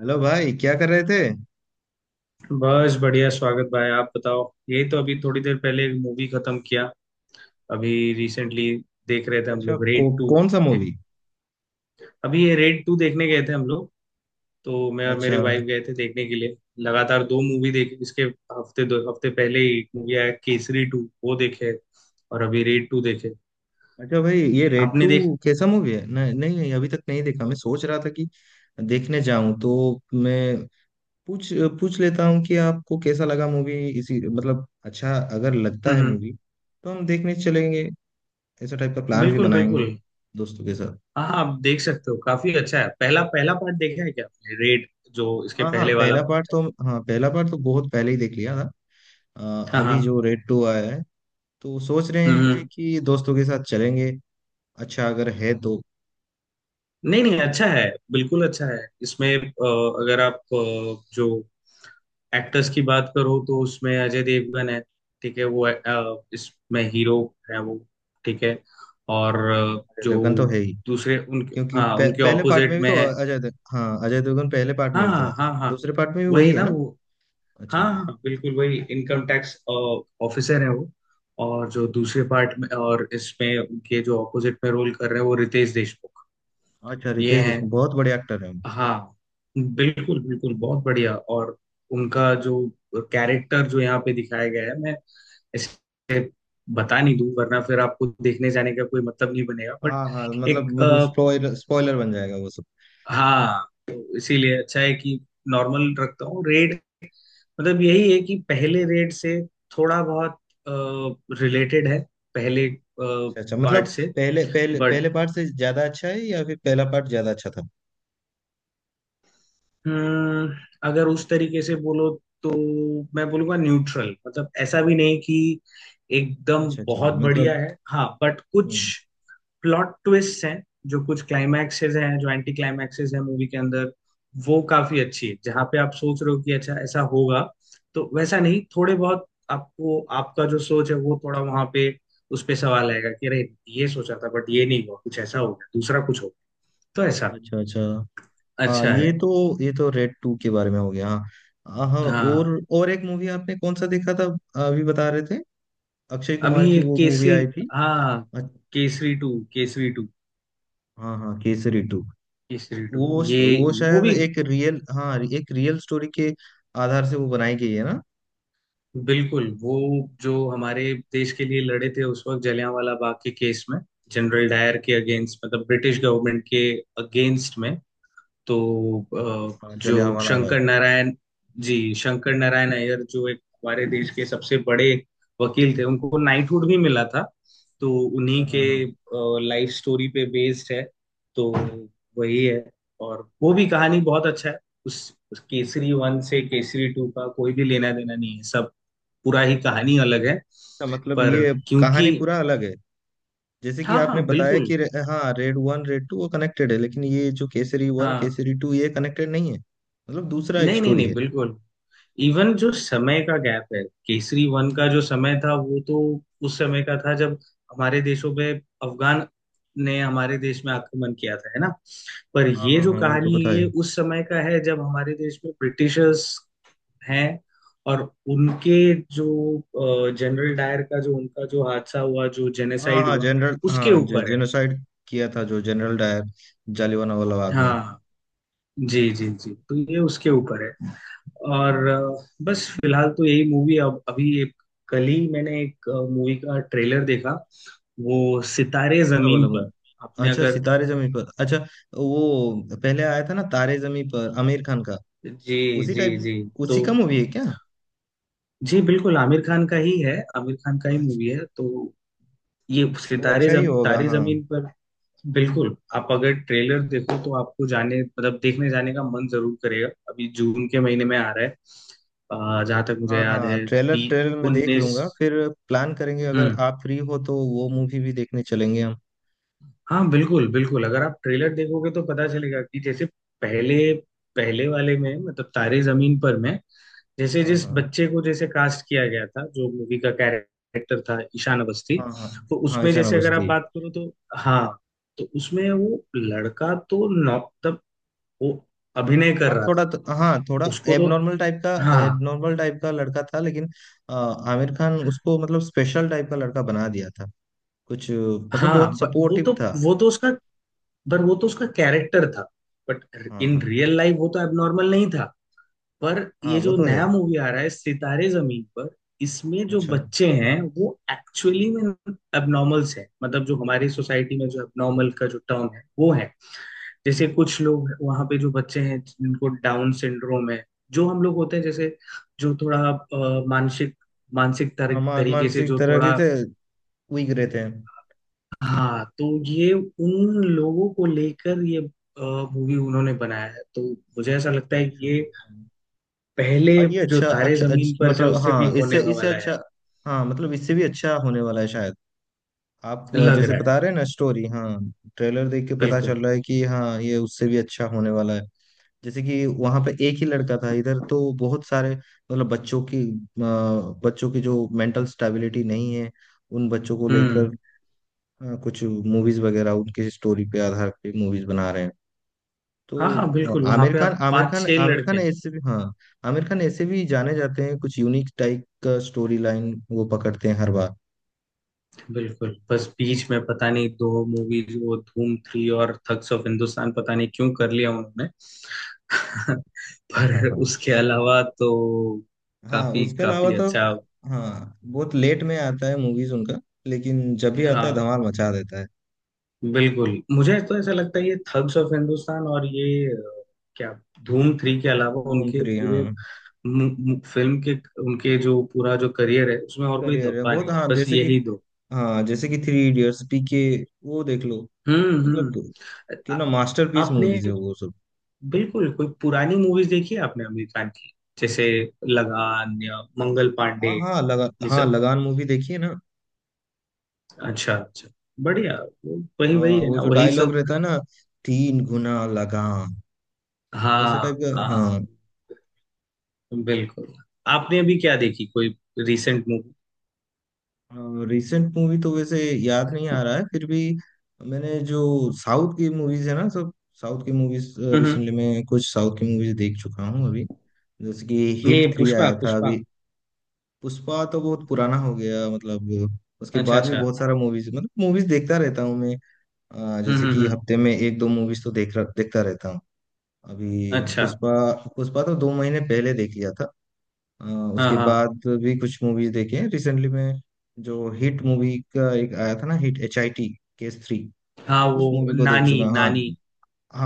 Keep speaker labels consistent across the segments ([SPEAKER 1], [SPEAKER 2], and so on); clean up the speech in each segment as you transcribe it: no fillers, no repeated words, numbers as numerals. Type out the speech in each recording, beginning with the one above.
[SPEAKER 1] Hello भाई, क्या कर रहे थे।
[SPEAKER 2] बस बढ़िया। स्वागत भाई, आप बताओ। यही तो अभी थोड़ी देर पहले एक मूवी खत्म किया। अभी रिसेंटली देख रहे थे हम लोग, रेड टू।
[SPEAKER 1] कौन सा
[SPEAKER 2] एक,
[SPEAKER 1] मूवी।
[SPEAKER 2] अभी ये रेड टू देखने गए थे हम लोग। तो मैं और
[SPEAKER 1] अच्छा
[SPEAKER 2] मेरे वाइफ गए थे देखने के लिए। लगातार दो मूवी देखी। इसके हफ्ते 2 हफ्ते पहले ही एक मूवी आया, केसरी टू, वो देखे। और अभी रेड टू देखे।
[SPEAKER 1] अच्छा भाई, ये रेड
[SPEAKER 2] आपने देख।
[SPEAKER 1] टू कैसा मूवी है। नहीं नहीं, अभी तक नहीं देखा। मैं सोच रहा था कि देखने जाऊं तो मैं पूछ पूछ लेता हूं कि आपको कैसा लगा मूवी इसी मतलब। अच्छा अगर लगता है
[SPEAKER 2] हम्म।
[SPEAKER 1] मूवी तो हम देखने चलेंगे, ऐसा टाइप का प्लान भी
[SPEAKER 2] बिल्कुल
[SPEAKER 1] बनाएंगे
[SPEAKER 2] बिल्कुल।
[SPEAKER 1] दोस्तों के साथ।
[SPEAKER 2] हाँ हाँ, आप देख सकते हो, काफी अच्छा है। पहला पहला पार्ट देखा है क्या आपने? रेड, जो इसके
[SPEAKER 1] हाँ हाँ,
[SPEAKER 2] पहले वाला
[SPEAKER 1] पहला पार्ट
[SPEAKER 2] पार्ट है।
[SPEAKER 1] तो, हाँ पहला पार्ट तो बहुत पहले ही देख लिया था। अ,
[SPEAKER 2] हाँ हाँ।
[SPEAKER 1] अभी जो रेड टू आया है तो सोच रहे
[SPEAKER 2] हम्म
[SPEAKER 1] हैं
[SPEAKER 2] हम्म।
[SPEAKER 1] कि दोस्तों के साथ चलेंगे, अच्छा अगर है तो।
[SPEAKER 2] नहीं नहीं, अच्छा है। बिल्कुल अच्छा है। इसमें अगर आप जो एक्टर्स की बात करो, तो उसमें अजय देवगन है। ठीक है, वो इसमें हीरो है। वो ठीक है। और
[SPEAKER 1] हम्म। अजय
[SPEAKER 2] जो
[SPEAKER 1] देवगन तो है ही,
[SPEAKER 2] दूसरे उनके,
[SPEAKER 1] क्योंकि
[SPEAKER 2] हाँ, उनके
[SPEAKER 1] पहले पार्ट
[SPEAKER 2] ऑपोजिट
[SPEAKER 1] में भी
[SPEAKER 2] में
[SPEAKER 1] तो
[SPEAKER 2] है।
[SPEAKER 1] अजय देवगन पहले पार्ट में
[SPEAKER 2] हाँ
[SPEAKER 1] भी था,
[SPEAKER 2] हाँ हाँ हाँ,
[SPEAKER 1] दूसरे पार्ट में भी वही
[SPEAKER 2] वही
[SPEAKER 1] है
[SPEAKER 2] ना,
[SPEAKER 1] ना।
[SPEAKER 2] वो
[SPEAKER 1] अच्छा,
[SPEAKER 2] हाँ हाँ, बिल्कुल वही। इनकम टैक्स ऑफिसर है वो। और जो दूसरे पार्ट में और इसमें उनके जो ऑपोजिट में रोल कर रहे हैं, वो रितेश देशमुख।
[SPEAKER 1] अच्छा।
[SPEAKER 2] ये
[SPEAKER 1] रितेश
[SPEAKER 2] हैं।
[SPEAKER 1] देशमुख बहुत बड़े एक्टर हैं।
[SPEAKER 2] हाँ, बिल्कुल बिल्कुल, बहुत बढ़िया। और उनका जो कैरेक्टर जो यहाँ पे दिखाया गया है, मैं इसे बता नहीं दूं, वरना फिर आपको देखने जाने का कोई मतलब नहीं बनेगा। बट
[SPEAKER 1] हाँ हाँ, मतलब
[SPEAKER 2] एक
[SPEAKER 1] मतलब स्पॉइलर स्पॉइलर बन जाएगा वो सब।
[SPEAKER 2] हाँ, तो इसीलिए अच्छा है कि नॉर्मल रखता हूँ। रेड मतलब यही है कि पहले रेड से थोड़ा बहुत रिलेटेड है पहले
[SPEAKER 1] अच्छा अच्छा
[SPEAKER 2] पार्ट
[SPEAKER 1] मतलब,
[SPEAKER 2] से।
[SPEAKER 1] पहले पहले
[SPEAKER 2] बट
[SPEAKER 1] पहले पार्ट से ज्यादा अच्छा है या फिर पहला पार्ट ज्यादा अच्छा था।
[SPEAKER 2] हम्म, अगर उस तरीके से बोलो, तो मैं बोलूंगा न्यूट्रल। मतलब ऐसा भी नहीं कि एकदम
[SPEAKER 1] अच्छा अच्छा
[SPEAKER 2] बहुत बढ़िया
[SPEAKER 1] मतलब।
[SPEAKER 2] है, हाँ, बट कुछ
[SPEAKER 1] हम्म।
[SPEAKER 2] प्लॉट ट्विस्ट हैं, जो कुछ क्लाइमैक्सेस हैं, जो एंटी क्लाइमैक्सेस हैं मूवी के अंदर, वो काफी अच्छी है। जहाँ पे आप सोच रहे हो कि अच्छा ऐसा होगा, तो वैसा नहीं। थोड़े बहुत आपको, आपका जो सोच है वो थोड़ा वहां पे उस पे सवाल आएगा कि अरे, ये सोचा था बट ये नहीं हुआ, कुछ ऐसा हो गया, दूसरा कुछ हो गया। तो ऐसा
[SPEAKER 1] अच्छा अच्छा। हाँ
[SPEAKER 2] अच्छा है।
[SPEAKER 1] ये तो, ये तो रेड टू के बारे में हो गया। हाँ हाँ,
[SPEAKER 2] हाँ,
[SPEAKER 1] और एक मूवी आपने कौन सा देखा था, अभी बता रहे थे। अक्षय
[SPEAKER 2] अभी
[SPEAKER 1] कुमार की
[SPEAKER 2] ये
[SPEAKER 1] वो मूवी
[SPEAKER 2] केसरी,
[SPEAKER 1] आई थी।
[SPEAKER 2] हाँ,
[SPEAKER 1] अ-
[SPEAKER 2] केसरी टू। केसरी टू,
[SPEAKER 1] हाँ हाँ, केसरी टू।
[SPEAKER 2] केसरी टू।
[SPEAKER 1] वो
[SPEAKER 2] ये
[SPEAKER 1] वो
[SPEAKER 2] वो
[SPEAKER 1] शायद
[SPEAKER 2] भी
[SPEAKER 1] एक रियल, हाँ एक रियल स्टोरी के आधार से वो बनाई गई है ना।
[SPEAKER 2] बिल्कुल। वो जो हमारे देश के लिए लड़े थे उस वक्त, जलियांवाला बाग के केस में, जनरल डायर के अगेंस्ट, मतलब ब्रिटिश गवर्नमेंट के अगेंस्ट में। तो अ,
[SPEAKER 1] हाँ,
[SPEAKER 2] जो
[SPEAKER 1] जलियांवाला
[SPEAKER 2] शंकर
[SPEAKER 1] बाग।
[SPEAKER 2] नारायण, जी, शंकर नारायण अय्यर, जो एक हमारे देश के सबसे बड़े वकील थे, उनको नाइटहुड भी मिला था। तो
[SPEAKER 1] अच्छा,
[SPEAKER 2] उन्हीं के
[SPEAKER 1] हाँ हाँ।
[SPEAKER 2] लाइफ स्टोरी पे बेस्ड है। तो वही है। और वो भी कहानी बहुत अच्छा है। उस केसरी वन से केसरी टू का कोई भी लेना देना नहीं है सब। पूरा ही कहानी अलग है।
[SPEAKER 1] अच्छा, मतलब
[SPEAKER 2] पर
[SPEAKER 1] ये
[SPEAKER 2] क्योंकि
[SPEAKER 1] कहानी पूरा अलग है। जैसे कि
[SPEAKER 2] हाँ हाँ
[SPEAKER 1] आपने बताया
[SPEAKER 2] बिल्कुल।
[SPEAKER 1] कि हाँ, रेड वन रेड टू वो कनेक्टेड है, लेकिन ये जो केसरी वन
[SPEAKER 2] हाँ,
[SPEAKER 1] केसरी टू ये कनेक्टेड नहीं है, मतलब दूसरा एक
[SPEAKER 2] नहीं नहीं
[SPEAKER 1] स्टोरी
[SPEAKER 2] नहीं
[SPEAKER 1] है।
[SPEAKER 2] बिल्कुल। इवन जो समय का गैप है, केसरी वन का जो समय था वो तो उस समय का था जब हमारे देशों पे अफगान ने हमारे देश में आक्रमण किया था, है ना। पर
[SPEAKER 1] हाँ
[SPEAKER 2] ये
[SPEAKER 1] हाँ
[SPEAKER 2] जो
[SPEAKER 1] हाँ, वो तो
[SPEAKER 2] कहानी है,
[SPEAKER 1] पता
[SPEAKER 2] ये
[SPEAKER 1] है।
[SPEAKER 2] उस समय का है जब हमारे देश में ब्रिटिशर्स हैं। और उनके जो जनरल डायर का, जो उनका जो हादसा हुआ, जो
[SPEAKER 1] हाँ
[SPEAKER 2] जेनेसाइड
[SPEAKER 1] हाँ,
[SPEAKER 2] हुआ,
[SPEAKER 1] जनरल,
[SPEAKER 2] उसके
[SPEAKER 1] हाँ
[SPEAKER 2] ऊपर है।
[SPEAKER 1] जेनोसाइड किया था जो जनरल डायर, जालियांवाला बाग में।
[SPEAKER 2] हाँ, जी, जी, जी। तो ये उसके ऊपर है। और बस फिलहाल तो यही मूवी। अब अभी एक कल ही मैंने एक मूवी का ट्रेलर देखा, वो सितारे
[SPEAKER 1] कौन सा वाला
[SPEAKER 2] जमीन पर।
[SPEAKER 1] मूवी।
[SPEAKER 2] आपने
[SPEAKER 1] अच्छा,
[SPEAKER 2] अगर,
[SPEAKER 1] सितारे जमी पर, अच्छा। वो पहले आया था ना, तारे जमी पर, आमिर खान का।
[SPEAKER 2] जी
[SPEAKER 1] उसी
[SPEAKER 2] जी
[SPEAKER 1] टाइप,
[SPEAKER 2] जी, तो
[SPEAKER 1] उसी का मूवी है क्या।
[SPEAKER 2] जी, बिल्कुल आमिर खान का ही है, आमिर खान का ही
[SPEAKER 1] अच्छा,
[SPEAKER 2] मूवी है तो। ये
[SPEAKER 1] वो अच्छा ही होगा।
[SPEAKER 2] तारे
[SPEAKER 1] हाँ
[SPEAKER 2] जमीन पर। बिल्कुल, आप अगर ट्रेलर देखो तो आपको जाने मतलब देखने जाने का मन जरूर करेगा। अभी जून के महीने में आ रहा है जहां तक मुझे
[SPEAKER 1] हाँ
[SPEAKER 2] याद
[SPEAKER 1] हाँ,
[SPEAKER 2] है,
[SPEAKER 1] ट्रेलर,
[SPEAKER 2] बी
[SPEAKER 1] ट्रेलर में देख
[SPEAKER 2] उन्नीस।
[SPEAKER 1] लूंगा फिर, प्लान करेंगे। अगर
[SPEAKER 2] हम्म।
[SPEAKER 1] आप फ्री हो तो वो मूवी भी देखने चलेंगे हम।
[SPEAKER 2] हाँ बिल्कुल बिल्कुल, अगर आप ट्रेलर देखोगे तो पता चलेगा कि जैसे पहले, पहले वाले में मतलब तारे जमीन पर में, जैसे
[SPEAKER 1] हाँ
[SPEAKER 2] जिस
[SPEAKER 1] हाँ
[SPEAKER 2] बच्चे को जैसे कास्ट किया गया था, जो मूवी का कैरेक्टर था, ईशान अवस्थी,
[SPEAKER 1] हाँ हाँ।
[SPEAKER 2] तो
[SPEAKER 1] हाँ
[SPEAKER 2] उसमें
[SPEAKER 1] ईशान
[SPEAKER 2] जैसे अगर आप
[SPEAKER 1] अवस्थी।
[SPEAKER 2] बात करो तो हाँ, तो उसमें वो लड़का तो नौ, वो अभिनय कर
[SPEAKER 1] हाँ
[SPEAKER 2] रहा
[SPEAKER 1] थोड़ा
[SPEAKER 2] था।
[SPEAKER 1] तो, हाँ थोड़ा
[SPEAKER 2] उसको तो
[SPEAKER 1] एबनॉर्मल टाइप का,
[SPEAKER 2] हाँ
[SPEAKER 1] एबनॉर्मल टाइप का लड़का था। लेकिन आमिर खान उसको मतलब स्पेशल टाइप का लड़का बना दिया था, कुछ मतलब बहुत
[SPEAKER 2] हाँ, but वो
[SPEAKER 1] सपोर्टिव
[SPEAKER 2] तो
[SPEAKER 1] था।
[SPEAKER 2] वो तो उसका, पर वो तो उसका कैरेक्टर था। बट
[SPEAKER 1] हाँ
[SPEAKER 2] इन
[SPEAKER 1] हाँ।
[SPEAKER 2] रियल लाइफ वो तो एबनॉर्मल नहीं था। पर
[SPEAKER 1] हाँ
[SPEAKER 2] ये
[SPEAKER 1] वो
[SPEAKER 2] जो
[SPEAKER 1] तो है।
[SPEAKER 2] नया मूवी आ रहा है, सितारे जमीन पर, इसमें जो
[SPEAKER 1] अच्छा।
[SPEAKER 2] बच्चे हैं वो एक्चुअली में एबनॉर्मल्स हैं। मतलब जो हमारी सोसाइटी में जो एबनॉर्मल का जो टर्म है वो है। जैसे कुछ लोग वहां पे जो बच्चे हैं जिनको डाउन सिंड्रोम है, जो हम लोग होते हैं जैसे, जो थोड़ा मानसिक,
[SPEAKER 1] हाँ,
[SPEAKER 2] तरीके से
[SPEAKER 1] मानसिक
[SPEAKER 2] जो
[SPEAKER 1] तरह के
[SPEAKER 2] थोड़ा,
[SPEAKER 1] थे, वीक रहते हैं।
[SPEAKER 2] हाँ, तो ये उन लोगों को लेकर ये मूवी उन्होंने बनाया है। तो मुझे ऐसा लगता है कि
[SPEAKER 1] अच्छा।
[SPEAKER 2] ये पहले
[SPEAKER 1] हाँ, ये
[SPEAKER 2] जो
[SPEAKER 1] अच्छा
[SPEAKER 2] तारे
[SPEAKER 1] अच्छा
[SPEAKER 2] जमीन
[SPEAKER 1] अच्छा,
[SPEAKER 2] पर से,
[SPEAKER 1] मतलब
[SPEAKER 2] उससे
[SPEAKER 1] हाँ
[SPEAKER 2] भी
[SPEAKER 1] इससे,
[SPEAKER 2] होने
[SPEAKER 1] इससे
[SPEAKER 2] वाला
[SPEAKER 1] अच्छा।
[SPEAKER 2] है,
[SPEAKER 1] हाँ मतलब इससे भी अच्छा होने वाला है शायद। आप
[SPEAKER 2] लग
[SPEAKER 1] जैसे
[SPEAKER 2] रहा है।
[SPEAKER 1] बता रहे हैं ना स्टोरी, हाँ ट्रेलर देख के पता
[SPEAKER 2] बिल्कुल।
[SPEAKER 1] चल रहा है कि हाँ ये उससे भी अच्छा होने वाला है। जैसे कि वहां पे एक ही लड़का था, इधर तो बहुत सारे मतलब बच्चों की बच्चों की जो मेंटल स्टेबिलिटी नहीं है उन बच्चों को लेकर
[SPEAKER 2] हम्म।
[SPEAKER 1] कुछ मूवीज वगैरह उनके स्टोरी पे आधार पे मूवीज बना रहे हैं।
[SPEAKER 2] हाँ हाँ
[SPEAKER 1] तो
[SPEAKER 2] बिल्कुल, वहां पे आप पांच छह
[SPEAKER 1] आमिर
[SPEAKER 2] लड़के
[SPEAKER 1] खान
[SPEAKER 2] हैं।
[SPEAKER 1] ऐसे भी, हाँ आमिर खान ऐसे भी जाने जाते हैं, कुछ यूनिक टाइप का स्टोरी लाइन वो पकड़ते हैं हर बार।
[SPEAKER 2] बिल्कुल, बस बीच में पता नहीं दो मूवीज, वो धूम थ्री और थग्स ऑफ हिंदुस्तान, पता नहीं क्यों कर लिया उन्होंने।
[SPEAKER 1] हाँ हाँ
[SPEAKER 2] पर
[SPEAKER 1] हाँ
[SPEAKER 2] उसके अलावा तो
[SPEAKER 1] हाँ।
[SPEAKER 2] काफी
[SPEAKER 1] उसके अलावा
[SPEAKER 2] काफी
[SPEAKER 1] तो,
[SPEAKER 2] अच्छा।
[SPEAKER 1] हाँ बहुत लेट में आता है मूवीज उनका, लेकिन जब भी आता है
[SPEAKER 2] हाँ
[SPEAKER 1] धमाल मचा देता है।
[SPEAKER 2] बिल्कुल, मुझे तो ऐसा लगता है ये थग्स ऑफ हिंदुस्तान और ये अ, क्या, धूम थ्री के अलावा,
[SPEAKER 1] धूम
[SPEAKER 2] उनके
[SPEAKER 1] थ्री,
[SPEAKER 2] पूरे
[SPEAKER 1] हाँ
[SPEAKER 2] मु- मु- फिल्म के, उनके जो पूरा जो करियर है, उसमें और कोई
[SPEAKER 1] करियर है
[SPEAKER 2] धब्बा
[SPEAKER 1] बहुत।
[SPEAKER 2] नहीं है,
[SPEAKER 1] हाँ
[SPEAKER 2] बस
[SPEAKER 1] जैसे कि,
[SPEAKER 2] यही दो।
[SPEAKER 1] हाँ जैसे कि थ्री इडियट्स, पीके, वो देख लो। मतलब
[SPEAKER 2] हम्म। आ-
[SPEAKER 1] कितना मास्टरपीस
[SPEAKER 2] आपने,
[SPEAKER 1] मूवीज है वो सब।
[SPEAKER 2] बिल्कुल, कोई पुरानी मूवीज देखी है आपने आमिर खान की, जैसे लगान या मंगल पांडे,
[SPEAKER 1] हाँ हाँ
[SPEAKER 2] ये सब?
[SPEAKER 1] लगान मूवी देखिए ना।
[SPEAKER 2] अच्छा अच्छा, बढ़िया। वही
[SPEAKER 1] हाँ
[SPEAKER 2] वही है
[SPEAKER 1] वो
[SPEAKER 2] ना,
[SPEAKER 1] जो
[SPEAKER 2] वही
[SPEAKER 1] डायलॉग
[SPEAKER 2] सब?
[SPEAKER 1] रहता है ना, तीन गुना लगाम, वैसा टाइप
[SPEAKER 2] हाँ
[SPEAKER 1] का
[SPEAKER 2] हाँ
[SPEAKER 1] हाँ।
[SPEAKER 2] बिल्कुल। आपने अभी क्या देखी कोई रिसेंट मूवी?
[SPEAKER 1] रिसेंट मूवी तो वैसे याद नहीं आ रहा है, फिर भी मैंने जो साउथ की मूवीज है ना सब, साउथ की मूवीज
[SPEAKER 2] हम्म।
[SPEAKER 1] रिसेंटली मैं कुछ साउथ की मूवीज देख चुका हूँ अभी। जैसे कि
[SPEAKER 2] ये
[SPEAKER 1] हिट थ्री
[SPEAKER 2] पुष्पा,
[SPEAKER 1] आया था
[SPEAKER 2] पुष्पा।
[SPEAKER 1] अभी। पुष्पा तो बहुत पुराना हो गया मतलब, उसके
[SPEAKER 2] अच्छा
[SPEAKER 1] बाद भी
[SPEAKER 2] अच्छा।
[SPEAKER 1] बहुत सारा मूवीज, मतलब मूवीज देखता रहता हूँ मैं। जैसे कि
[SPEAKER 2] हम्म।
[SPEAKER 1] हफ्ते में एक दो मूवीज तो देखता रहता हूँ। अभी
[SPEAKER 2] अच्छा।
[SPEAKER 1] पुष्पा, पुष्पा तो दो महीने पहले देख लिया था। अ,
[SPEAKER 2] हाँ
[SPEAKER 1] उसके
[SPEAKER 2] हाँ
[SPEAKER 1] बाद भी कुछ मूवीज देखे हैं रिसेंटली में। जो हिट मूवी का एक आया था ना, हिट HIT, केस थ्री,
[SPEAKER 2] हाँ, वो
[SPEAKER 1] उस मूवी को देख
[SPEAKER 2] नानी,
[SPEAKER 1] चुका हूँ। हाँ
[SPEAKER 2] नानी।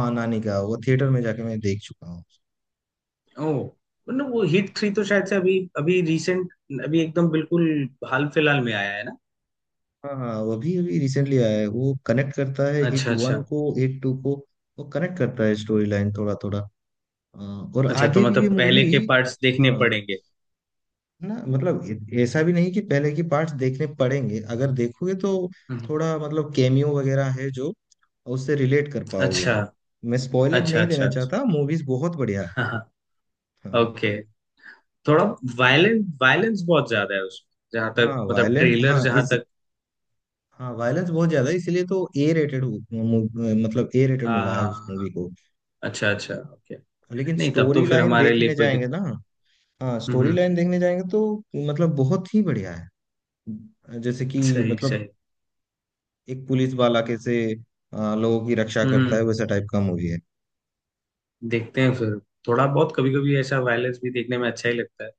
[SPEAKER 1] हाँ, नानी का वो थिएटर में जाके मैं देख चुका हूँ।
[SPEAKER 2] ओ, मतलब वो हिट थ्री तो शायद से अभी अभी रिसेंट, अभी एकदम बिल्कुल हाल फिलहाल में आया है ना।
[SPEAKER 1] हाँ हाँ, वो भी अभी रिसेंटली आया है। वो कनेक्ट करता है हिट
[SPEAKER 2] अच्छा अच्छा
[SPEAKER 1] वन को, हिट टू को। वो कनेक्ट करता है स्टोरी लाइन थोड़ा थोड़ा, और
[SPEAKER 2] अच्छा, तो
[SPEAKER 1] आगे भी ये
[SPEAKER 2] मतलब
[SPEAKER 1] मूवी।
[SPEAKER 2] पहले के पार्ट्स देखने
[SPEAKER 1] हाँ,
[SPEAKER 2] पड़ेंगे।
[SPEAKER 1] ना मतलब ऐसा भी नहीं कि पहले की पार्ट्स देखने पड़ेंगे, अगर देखोगे तो
[SPEAKER 2] हम्म।
[SPEAKER 1] थोड़ा मतलब कैमियो वगैरह है जो उससे रिलेट कर पाओगे।
[SPEAKER 2] अच्छा
[SPEAKER 1] मैं स्पॉइलर
[SPEAKER 2] अच्छा
[SPEAKER 1] नहीं देना
[SPEAKER 2] अच्छा अच्छा।
[SPEAKER 1] चाहता, मूवीज बहुत बढ़िया है।
[SPEAKER 2] हाँ हाँ।
[SPEAKER 1] हाँ।
[SPEAKER 2] ओके। थोड़ा वायलेंस, वायलेंस बहुत ज्यादा है उसमें, जहाँ
[SPEAKER 1] हाँ
[SPEAKER 2] तक मतलब
[SPEAKER 1] वायलेंस,
[SPEAKER 2] ट्रेलर जहाँ तक।
[SPEAKER 1] हाँ वायलेंस बहुत ज्यादा है, इसीलिए तो ए रेटेड, मतलब ए रेटेड
[SPEAKER 2] हाँ
[SPEAKER 1] मिला है
[SPEAKER 2] हाँ,
[SPEAKER 1] उस
[SPEAKER 2] हाँ।
[SPEAKER 1] मूवी को।
[SPEAKER 2] अच्छा अच्छा, ओके,
[SPEAKER 1] लेकिन
[SPEAKER 2] नहीं, तब
[SPEAKER 1] स्टोरी
[SPEAKER 2] तो फिर
[SPEAKER 1] लाइन
[SPEAKER 2] हमारे लिए
[SPEAKER 1] देखने
[SPEAKER 2] कोई
[SPEAKER 1] जाएंगे
[SPEAKER 2] दिक।
[SPEAKER 1] ना, हाँ स्टोरी
[SPEAKER 2] हम्म।
[SPEAKER 1] लाइन देखने जाएंगे तो मतलब बहुत ही बढ़िया है। जैसे कि
[SPEAKER 2] सही
[SPEAKER 1] मतलब
[SPEAKER 2] सही।
[SPEAKER 1] एक पुलिस वाला कैसे लोगों की रक्षा करता है,
[SPEAKER 2] हम्म।
[SPEAKER 1] वैसा टाइप का मूवी है।
[SPEAKER 2] देखते हैं फिर, थोड़ा बहुत कभी कभी ऐसा वायलेंस भी देखने में अच्छा ही लगता है,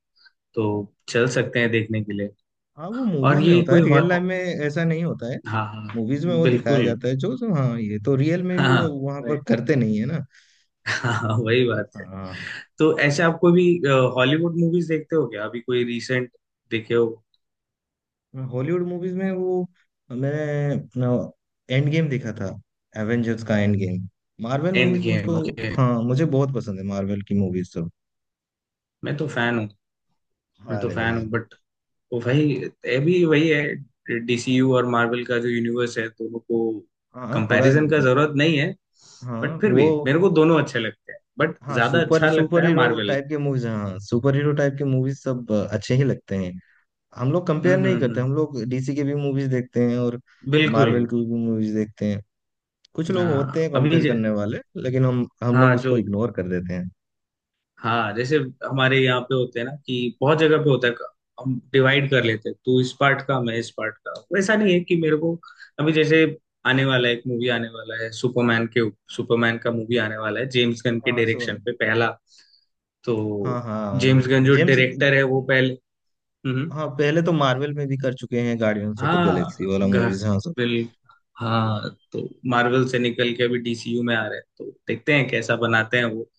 [SPEAKER 2] तो चल सकते हैं देखने के लिए।
[SPEAKER 1] हाँ वो
[SPEAKER 2] और
[SPEAKER 1] मूवीज में
[SPEAKER 2] ये
[SPEAKER 1] होता है,
[SPEAKER 2] कोई
[SPEAKER 1] रियल लाइफ में ऐसा नहीं होता है।
[SPEAKER 2] हाँ हाँ
[SPEAKER 1] मूवीज में वो दिखाया
[SPEAKER 2] बिल्कुल।
[SPEAKER 1] जाता है जो, जो हाँ ये तो रियल में भी
[SPEAKER 2] हाँ हाँ,
[SPEAKER 1] वो वहां
[SPEAKER 2] वही।
[SPEAKER 1] पर करते नहीं है ना।
[SPEAKER 2] हाँ, हाँ, वही बात है।
[SPEAKER 1] हाँ।
[SPEAKER 2] तो ऐसे, आपको भी, हॉलीवुड मूवीज देखते हो क्या, अभी कोई रिसेंट देखे हो?
[SPEAKER 1] हॉलीवुड मूवीज में वो, मैंने एंड गेम देखा था, एवेंजर्स का end game. Marvel
[SPEAKER 2] and
[SPEAKER 1] movies मुझको,
[SPEAKER 2] गेम, ओके।
[SPEAKER 1] हाँ मुझे बहुत पसंद है मार्वल की मूवीज तो।
[SPEAKER 2] मैं तो फैन हूँ, मैं तो
[SPEAKER 1] अरे भाई।
[SPEAKER 2] फैन हूँ बट वो, भाई अभी वही है, डीसीयू और मार्वल का जो यूनिवर्स है, दोनों को
[SPEAKER 1] हाँ थोड़ा।
[SPEAKER 2] कंपैरिजन का जरूरत नहीं है। बट
[SPEAKER 1] हाँ
[SPEAKER 2] फिर भी
[SPEAKER 1] वो।
[SPEAKER 2] मेरे को दोनों अच्छे लगते हैं, बट
[SPEAKER 1] हाँ
[SPEAKER 2] ज्यादा
[SPEAKER 1] सुपर
[SPEAKER 2] अच्छा लगता
[SPEAKER 1] सुपर
[SPEAKER 2] है
[SPEAKER 1] हीरो
[SPEAKER 2] मार्वल।
[SPEAKER 1] टाइप के मूवीज, हाँ सुपर हीरो टाइप के मूवीज सब अच्छे ही लगते हैं। हम लोग कंपेयर नहीं करते,
[SPEAKER 2] हम्म।
[SPEAKER 1] हम लोग डीसी के भी मूवीज देखते हैं और
[SPEAKER 2] बिल्कुल।
[SPEAKER 1] मार्वल की भी मूवीज देखते हैं। कुछ लोग
[SPEAKER 2] हाँ,
[SPEAKER 1] होते हैं
[SPEAKER 2] अभी
[SPEAKER 1] कंपेयर करने वाले, लेकिन हम लोग
[SPEAKER 2] हाँ
[SPEAKER 1] उसको
[SPEAKER 2] जो,
[SPEAKER 1] इग्नोर कर देते हैं।
[SPEAKER 2] हाँ जैसे हमारे यहाँ पे होते हैं ना, कि बहुत जगह पे होता है, हम डिवाइड कर लेते हैं, तू इस पार्ट का मैं इस पार्ट का, वैसा नहीं है कि मेरे को। अभी जैसे आने वाला है एक मूवी, आने वाला है सुपरमैन के, सुपरमैन का मूवी आने वाला है जेम्स गन के
[SPEAKER 1] हाँ सो।
[SPEAKER 2] डायरेक्शन पे पहला। तो
[SPEAKER 1] हाँ हाँ
[SPEAKER 2] जेम्स गन जो
[SPEAKER 1] जेम्स।
[SPEAKER 2] डायरेक्टर है वो पहले, हम्म,
[SPEAKER 1] हाँ पहले तो मार्वल में भी कर चुके हैं, गार्डियंस ऑफ द गैलेक्सी
[SPEAKER 2] हाँ
[SPEAKER 1] वाला मूवीज, हाँ सो।
[SPEAKER 2] बिल हाँ, तो मार्वल से निकल के अभी डीसीयू में आ रहे हैं, तो देखते हैं कैसा बनाते हैं वो।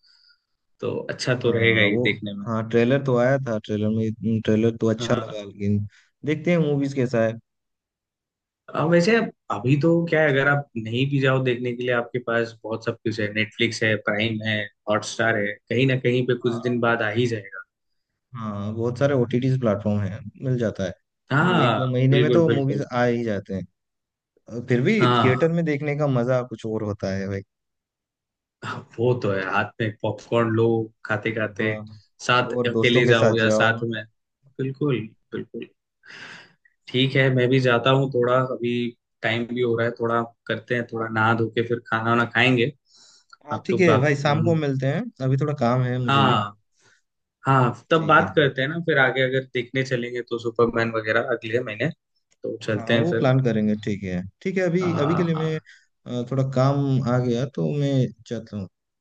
[SPEAKER 2] तो अच्छा तो रहेगा
[SPEAKER 1] हाँ
[SPEAKER 2] ही
[SPEAKER 1] वो।
[SPEAKER 2] देखने में।
[SPEAKER 1] हाँ ट्रेलर तो आया था, ट्रेलर में ट्रेलर तो अच्छा
[SPEAKER 2] हाँ।
[SPEAKER 1] लगा, लेकिन देखते हैं मूवीज कैसा
[SPEAKER 2] अब वैसे अब अभी तो क्या है, अगर आप नहीं भी जाओ देखने के लिए, आपके पास बहुत सब कुछ है, नेटफ्लिक्स है, प्राइम है, हॉटस्टार है, कहीं ना कहीं पे कुछ
[SPEAKER 1] है।
[SPEAKER 2] दिन बाद आ ही जाएगा।
[SPEAKER 1] हाँ बहुत सारे ओटीटी प्लेटफॉर्म हैं, मिल जाता है। मतलब एक
[SPEAKER 2] हाँ
[SPEAKER 1] दो महीने में
[SPEAKER 2] बिल्कुल
[SPEAKER 1] तो मूवीज
[SPEAKER 2] बिल्कुल।
[SPEAKER 1] आ ही जाते हैं, फिर भी
[SPEAKER 2] हाँ
[SPEAKER 1] थिएटर में देखने का मजा कुछ और होता है भाई।
[SPEAKER 2] हाँ, वो तो है, हाथ में पॉपकॉर्न लो, खाते खाते,
[SPEAKER 1] हाँ
[SPEAKER 2] साथ
[SPEAKER 1] और दोस्तों
[SPEAKER 2] अकेले
[SPEAKER 1] के साथ
[SPEAKER 2] जाओ या
[SPEAKER 1] जाओ।
[SPEAKER 2] साथ में, बिल्कुल बिल्कुल। ठीक है, मैं भी जाता हूँ थोड़ा अभी, टाइम भी हो रहा है थोड़ा, करते हैं थोड़ा नहा धो के फिर खाना वाना खाएंगे।
[SPEAKER 1] हाँ
[SPEAKER 2] आप
[SPEAKER 1] ठीक
[SPEAKER 2] लोग
[SPEAKER 1] है
[SPEAKER 2] बात,
[SPEAKER 1] भाई, शाम को मिलते हैं, अभी थोड़ा काम है मुझे भी।
[SPEAKER 2] हाँ, हाँ तब
[SPEAKER 1] ठीक है,
[SPEAKER 2] बात करते हैं ना फिर आगे, अगर देखने चलेंगे तो सुपरमैन वगैरह अगले महीने, तो चलते
[SPEAKER 1] हाँ
[SPEAKER 2] हैं
[SPEAKER 1] वो
[SPEAKER 2] फिर।
[SPEAKER 1] प्लान करेंगे। ठीक है ठीक है, अभी अभी के लिए मैं
[SPEAKER 2] हाँ।
[SPEAKER 1] थोड़ा काम आ गया तो मैं जाता हूँ।